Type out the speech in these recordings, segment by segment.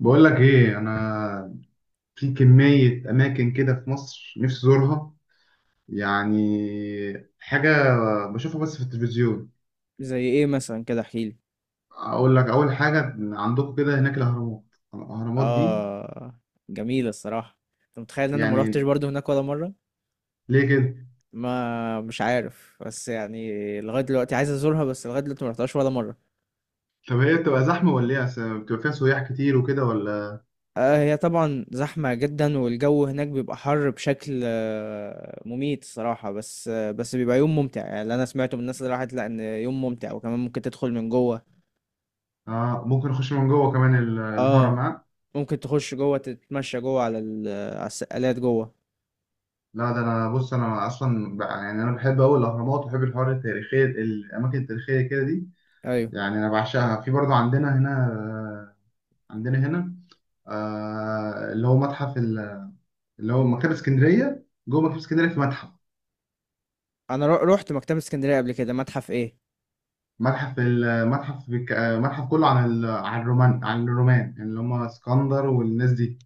بقول لك ايه، انا في كمية اماكن كده في مصر نفسي ازورها، يعني حاجة بشوفها بس في التلفزيون. زي ايه مثلا كده احكيلي؟ اقول لك، اول حاجة عندكم كده هناك الاهرامات دي، اه، جميلة الصراحة. انت متخيل ان انا ما روحتش يعني برضو هناك ولا مرة؟ ليه كده؟ ما مش عارف، بس يعني لغاية دلوقتي عايز ازورها، بس لغاية دلوقتي ما رحتهاش ولا مرة. طب هي بتبقى زحمة ولا ايه؟ أصل بتبقى فيها سياح كتير وكده ولا؟ آه، هي طبعا زحمة جدا، والجو هناك بيبقى حر بشكل مميت الصراحة. بس بيبقى يوم ممتع، يعني اللي انا سمعته من الناس اللي راحت لا ان يوم ممتع، وكمان ممكن تدخل من جوه. آه، ممكن اخش من جوه كمان الهرم اه، ها؟ ممكن تخش جوه تتمشى جوه على السقالات جوه. لا، ده انا بص، يعني انا بحب قوي الاهرامات، وبحب الحوار التاريخية، الاماكن التاريخية كده دي. ايوه. يعني انا بعشقها. في برضه عندنا هنا، عندنا هنا، اللي هو متحف اللي هو مكتبة اسكندرية. جوه مكتبة اسكندرية في متحف. انا روحت مكتبة اسكندرية قبل كده. متحف ايه؟ متحف المتحف بك... آه، متحف كله عن عن الرومان، يعني اللي هم اسكندر والناس دي.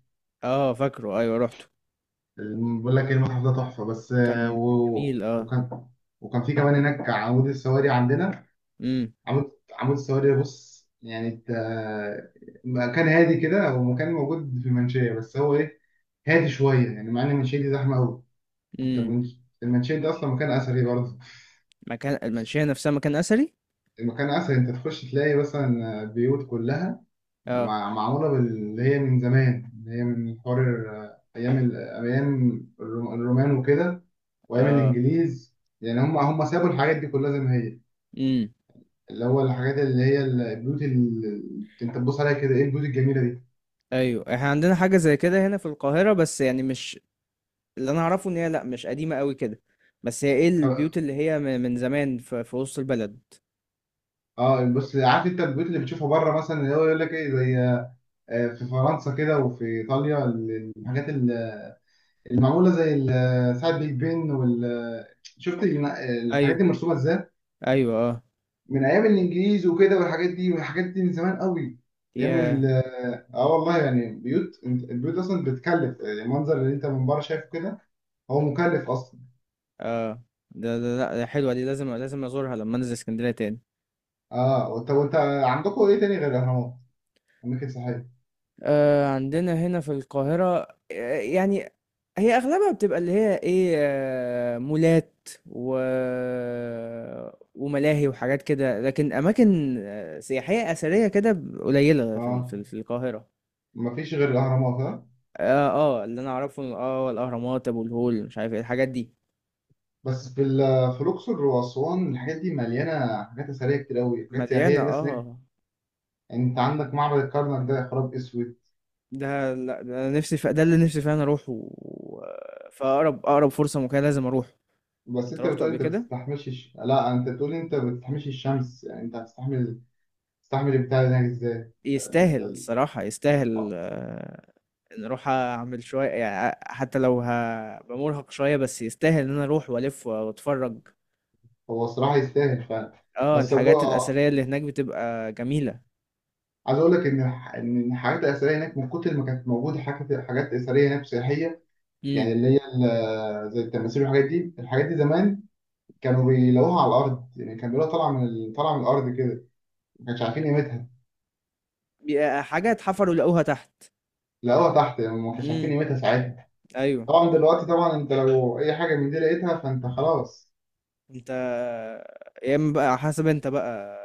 آه، فاكره. أيوه، رُحته. بقول لك ايه، المتحف ده تحفة. بس كان جميل، آه. وكان في كمان هناك عمود السواري عندنا. إمم. عمود عمود السواري ده، بص يعني ت... آه، مكان هادي كده، ومكان موجود في المنشية. بس هو ايه، هادي شوية، يعني مع ان المنشية دي زحمة قوي. انت إمم. المنشية دي اصلا مكان اثري برضه. مكان المنشية نفسها مكان أثري؟ المكان اسهل، انت تخش تلاقي مثلا بيوت كلها آه. معموله باللي هي من زمان، اللي هي من حوار ايام الرومان وكده، وايام آه. الانجليز. يعني هم سابوا الحاجات دي كلها زي ما هي. إمم. اللي هو الحاجات، اللي هي البيوت اللي انت تبص عليها كده، ايه البيوت الجميله دي! أيوه، إحنا عندنا حاجة زي كده هنا في القاهرة، بس يعني مش. اللي أنا أعرفه إن هي، لأ، مش قديمة أوي كده. بس هي إيه البيوت طب- اللي هي من زمان في وسط البلد. اه بص، عارف انت البيوت اللي بتشوفها بره، مثلا اللي هو يقول لك ايه، زي في فرنسا كده وفي ايطاليا. الحاجات المعموله زي ساعه بيج بن، وال- شفت الن- الحاجات أيوه. دي مرسومه ازاي، أيوه، آه. من ايام الانجليز وكده، والحاجات دي، والحاجات دي من زمان قوي. ايام ياه! ال- اه والله، يعني بيوت، البيوت اصلا بتكلف، يعني المنظر اللي انت من بره شايفه كده، هو مكلف اصلا. آه. ده لأ، ده حلوة دي، لازم لازم أزورها لمّا أنزل إسكندرية تاني. اه، وانت عندكم ايه تاني غير الاهرامات؟ اماكن سياحيه؟ عندنا هنا في القاهرة. يعني. هي أغلبها بتبقى اللي هي إيه، مولات و وملاهي وحاجات كده، لكن أماكن سياحية أثرية كده، قليلة اه، في القاهرة. مفيش غير الاهرامات ها؟ اللي أنا أعرفه، الأهرامات، أبو الهول، مش عارف إيه، الحاجات دي. بس في في الاقصر واسوان، الحاجات دي مليانه حاجات اثريه كتير قوي، حاجات سياحيه، مليانة، الناس هناك. آه. يعني انت عندك معبد الكرنك، ده يا خراب اسود! ده لأ، ده أنا نفسي ده اللي نفسي فعلًا أروحه، و فأقرب أقرب فرصة ممكنة لازم أروحه. بس أنت انت رُحته بتقول قبل انت كده؟ بتستحملش الش... لا انت بتقول انت بتستحملش الشمس، يعني انت هتستحمل، تستحمل البتاع ده هناك ازاي؟ ده يستاهل ال-، الصراحة، يستاهل، آه. إن أروح أعمل شوية، يعني حتى لو هبقى مرهق شوية بس يستاهل إن أنا أروح وألف وأتفرج. هو الصراحه يستاهل فعلا. اه، بس هو، الحاجات الأثرية اللي هناك بتبقى جميلة. عايز اقول لك ان الحاجات الاثريه هناك، من كتر ما كانت موجوده حاجات، حاجات اثريه هناك سياحيه، يعني امم. اللي هي زي التماثيل والحاجات دي. الحاجات دي زمان كانوا بيلاقوها على الارض، يعني كانوا بيلاقوها طالعه طالعه من الارض كده، ما كانش عارفين قيمتها. بيبقى حاجة اتحفروا لقوها تحت. لقوها تحت، يعني ما كانش عارفين امم. قيمتها ساعتها. أيوه. طبعا دلوقتي طبعا، انت لو اي حاجه من دي لقيتها، فانت خلاص. أنت يا إما بقى حسب أنت بقى،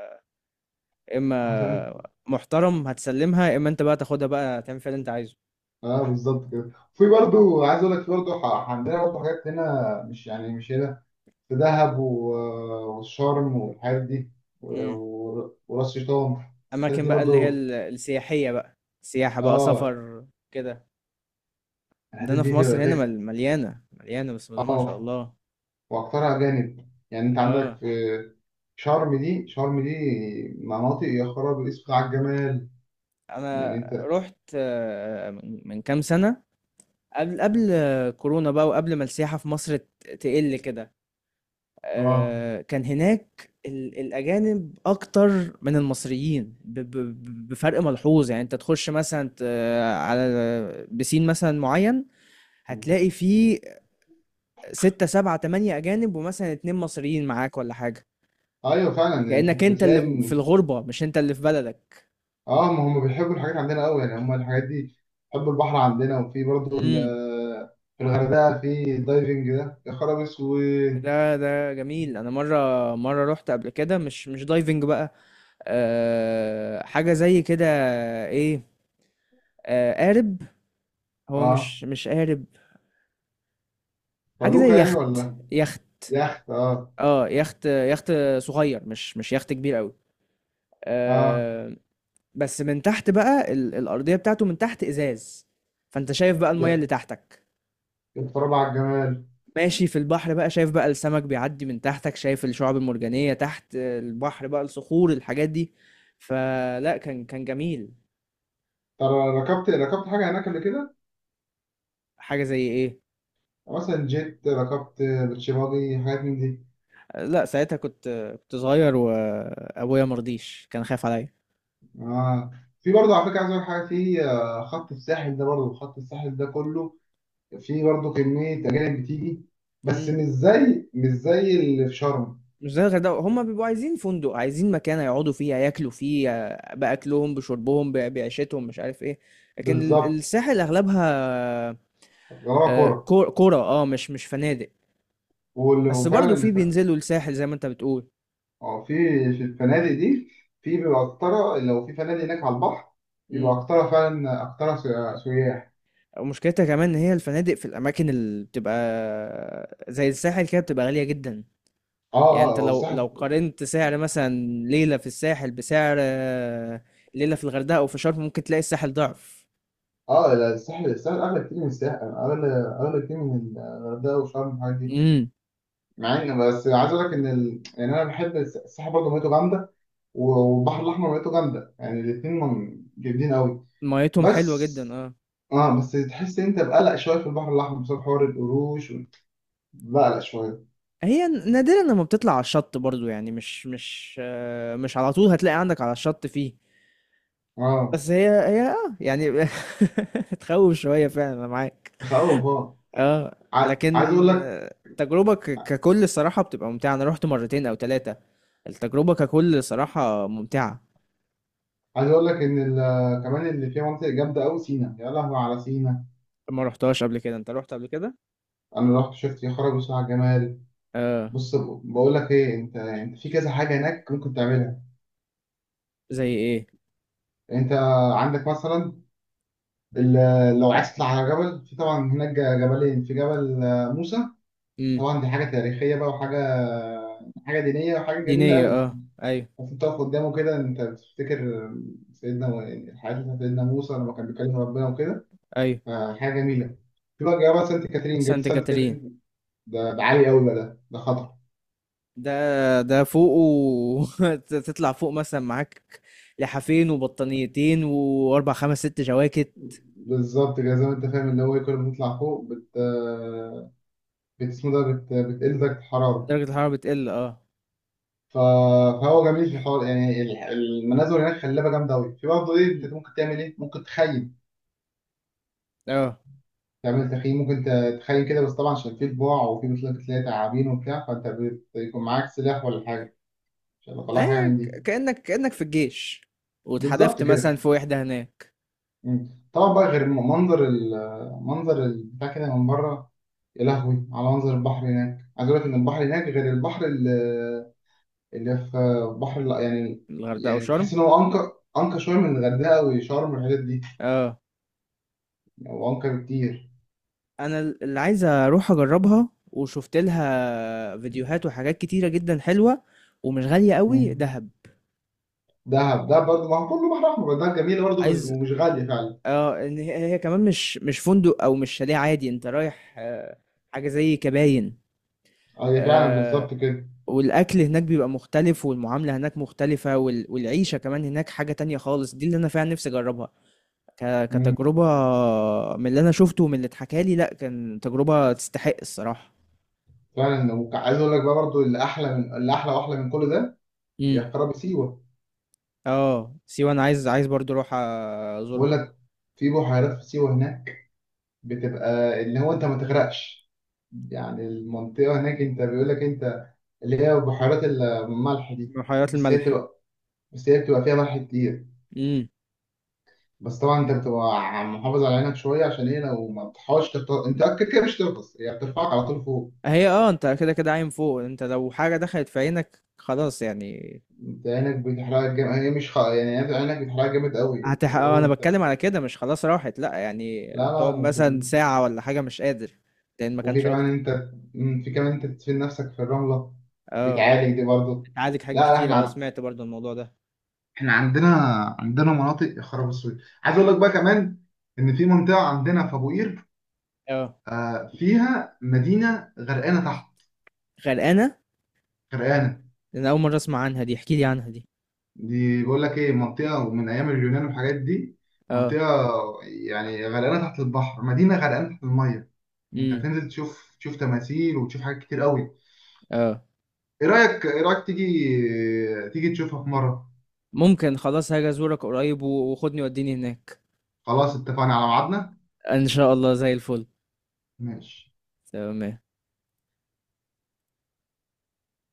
يا إما محترم هتسلمها، يا إما أنت بقى تاخدها بقى تعمل فيها اللي أنت عايزه. اه بالظبط كده. في برضو، عايز اقول لك، في برضو عندنا برضو حاجات هنا، مش يعني مش هنا، في دهب والشرم والحاجات دي، امم. وراس شيطان. الحتت أماكن دي بقى اللي هي برضو، السياحية بقى. سياحة بقى، اه. سفر كده. ده الحتت انا في دي بيبقى مصر هنا، فيها، مليانه مليانه بسم الله ما شاء اه، الله. واكترها اجانب. يعني انت عندك اه. في شرم، دي شرم دي مناطق يا خراب اسود على الجمال. يعني انا انت، رحت من كام سنه. قبل كورونا بقى، وقبل ما السياحه في مصر تقل كده. اه كان هناك الاجانب اكتر من المصريين بفرق ملحوظ، يعني انت تخش مثلا على بسين مثلا معين. هتلاقي فيه ستة سبعة تمانية أجانب، ومثلا اتنين مصريين معاك ولا حاجة. ايوه فعلا، انت كأنك انت اللي في بتلاقي. الغربة مش انت اللي في بلدك. اه، ما هم بيحبوا الحاجات عندنا قوي، يعني هم الحاجات دي، بيحبوا البحر عندنا، وفي برضو امم. في الغردقه في الدايفنج ده يا خراب اسود! ده جميل. انا مره مره رحت قبل كده مش دايفنج بقى. أه، حاجه زي كده. ايه. أه، قارب. هو اه، مش قارب. حاجه فلوكة زي يعني، يخت، ولا يخت. يخت؟ اه، اه، يخت يخت. صغير، مش يخت كبير قوي. اه، أه. بس من تحت بقى الارضيه بتاعته من تحت ازاز. فانت شايف بقى الميه يا- اللي تحتك. يتفرجوا على الجمال. ماشي في البحر بقى، شايف بقى السمك بيعدي من تحتك، شايف الشعاب المرجانية تحت البحر بقى، الصخور الحاجات دي. فلا، كان جميل. ترى ركبت حاجه هناك قبل كده؟ حاجة زي ايه؟ مثلا جيت ركبت بيتش باجي حاجات من دي؟ آه، لا ساعتها كنت كنت صغير، وابويا مرضيش كان خايف عليا. اه، في برضه على فكره، عايز اقول حاجه. في خط الساحل ده، برضه خط الساحل ده كله، في برضه كميه اجانب بتيجي، بس مم. مش زي اللي في شرم. مش زي الغردقة، هما بيبقوا عايزين فندق، عايزين مكان يقعدوا فيه ياكلوا فيه، بأكلهم بشربهم بعيشتهم مش عارف ايه. لكن بالظبط. الساحل اغلبها غرابة كورة، كرة، مش فنادق. بس وفعلا برضو في بينزلوا الساحل زي ما انت بتقول. اه، في الفنادق دي، في بيبقى أكتر لو في فنادق هناك على البحر، بيبقى مم. أكتر فعلا، أكتر سياح. ومشكلتها كمان ان هي الفنادق في الاماكن اللي بتبقى زي الساحل كده بتبقى غالية جدا. يعني اه اه، انت هو لو الساحل، قارنت سعر مثلا ليلة في الساحل بسعر ليلة في الغردقة او في شرم، ممكن تلاقي الساحل ضعف. اه. لا، الساحل أغلى كتير، من الساحل أغلى، أغلى كتير من الغردقة وشرم والحاجات دي. امم. مع إن، بس عايز أقول لك إن يعني أنا بحب الساحل برضه ميته جامدة، والبحر الأحمر ميته جامدة، يعني الاتنين جامدين أوي. ميتهم حلوة بس، جدا، اه. اه بس تحس إن أنت بقلق شوية في البحر الأحمر بسبب حوار القروش. بقلق شوية. هي نادرا لما بتطلع على الشط برضو، يعني مش على طول هتلاقي عندك على الشط فيه. اه. بس هي، يعني. تخوف شوية فعلا، انا معاك. تخوف اه. اه. عايز لكن اقول لك، التجربة ككل الصراحة بتبقى ممتعة. انا رحت مرتين او ثلاثة. التجربة ككل صراحة ممتعة. ان كمان اللي فيها مناطق جامده قوي سينا، يا لهوي على سينا! ما رحتهاش قبل كده؟ انت رحت قبل كده؟ انا رحت شفت، يا خرابي بصراحه الجمال. اه. بص، بقول لك ايه، انت في كذا حاجه هناك ممكن تعملها. زي ايه؟ انت عندك مثلا لو عايز تطلع على جبل، في طبعا هناك جبلين، في جبل موسى. امم. طبعا دي حاجه تاريخيه بقى، وحاجه، حاجه دينيه، وحاجه جميله دينية، قوي. اه. ايوه. بس انت تقف قدامه كده، انت بتفتكر سيدنا، الحياه بتاعت سيدنا موسى لما كان بيكلم ربنا وكده. ايوه. حاجه جميله. في بقى جبل سانت كاترين، جبل سانت سانت كاترين. كاترين ده، ده عالي قوي بقى، ده خطر. ده ده فوق. تطلع فوق مثلا معاك لحافين وبطانيتين واربع خمس ست جواكت. بالظبط كده، زي ما انت فاهم، اللي هو إيه، كل ما تطلع فوق بت اسمه ده، بتقل درجه الحراره. درجة الحرارة بتقل، اه. ف- فهو جميل في الحوار، يعني المناظر هناك خلابه جامده قوي. في برضه ايه، انت مم. ممكن تعمل ايه، ممكن تخيم، اه، تعمل تخييم، ممكن تخيم كده. بس طبعا عشان في طباع، وفي مثلا بتلاقي تعابين وبتاع، فانت بيكون معاك سلاح ولا حاجه، عشان لو طلع حاجه هي من دي. كأنك في الجيش بالظبط واتحدفت كده. مثلا في وحدة هناك. طبعا بقى غير منظر ال-، منظر البتاع كده من بره، يا لهوي على منظر البحر هناك! عايز اقول لك ان البحر هناك غير البحر اللي، اللي في، بحر لا يعني، الغردقة يعني تحس وشرم. ان هو انقى، انقى شويه من الغردقه وشرم والحاجات دي، اه، يعني هو انقى بكتير. انا اللي عايز اروح اجربها، وشفت لها فيديوهات وحاجات كتيرة جدا حلوة. ومش غالية قوي مم. دهب. دهب ده برضه، ما هو كله بحر احمر، ده جميل برضه، عايز. ومش غاليه فعلا. اه، ان هي كمان مش فندق او مش شاليه عادي. انت رايح حاجة زي كباين. هي فعلا آه. بالظبط كده. والاكل هناك بيبقى مختلف، والمعاملة هناك مختلفة، والعيشة كمان هناك حاجة تانية خالص، دي اللي انا فعلا نفسي اجربها مم. كتجربة. من اللي انا شفته ومن اللي اتحكى لي، لا، كان تجربة تستحق الصراحة. فعلا. وعايز اقول لك بقى برضه، اللي احلى من اللي احلى، واحلى من كل ده، امم. يا خراب سيوه! اه، سيوة انا عايز عايز برضو اروح بقول ازورها. لك، في بحيرات في سيوه هناك، بتبقى اللي هو انت ما تغرقش، يعني المنطقة هناك انت بيقول لك انت، اللي هي بحيرات الملح دي. بحيرات بس هي الملح. بتبقى بس هي بتبقى فيها ملح كتير. امم. بس طبعا انت بتبقى محافظ على عينك شوية، عشان ايه، لو ما تصحاش تغطس، انت كده كده مش تغطس، هي بترفعك على طول فوق. هي، اه، انت كده كده عايم فوق. انت لو حاجة دخلت في عينك خلاص يعني. انت عينك بتحرقك جامد، هي مش خ...، يعني انت عينك بتحرقك جامد قوي، يعني هتح... اللي آه، هو انا انت. بتكلم على كده، مش خلاص راحت، لا يعني لا هتقعد لا، مش... مثلا ساعة ولا حاجة، مش قادر. لان ما وفي كانش كمان اكتر. انت، في كمان انت تدفن نفسك في الرملة، اه، بتعالج دي برضه. بتعالج لا حاجات لا، كتير. اه، احنا، سمعت برضو الموضوع ده. احنا عندنا مناطق يا خراب السويد! عايز اقول لك بقى كمان، ان في منطقه عندنا في ابو قير، اه. فيها مدينه غرقانه تحت. غرقانة. غرقانه، انا اول مرة اسمع عنها دي، احكي لي عنها دي. دي بيقول لك ايه، منطقه من ايام اليونان والحاجات دي. منطقه، يعني غرقانه تحت البحر، مدينه غرقانه تحت الميه. انت اه. هتنزل تشوف تماثيل، وتشوف حاجات كتير قوي. اه. ايه رايك، تيجي، تشوفها في مره؟ ممكن خلاص، هاجي ازورك قريب، وخدني وديني هناك. خلاص، اتفقنا على ميعادنا. ان شاء الله، زي الفل. ماشي. تمام.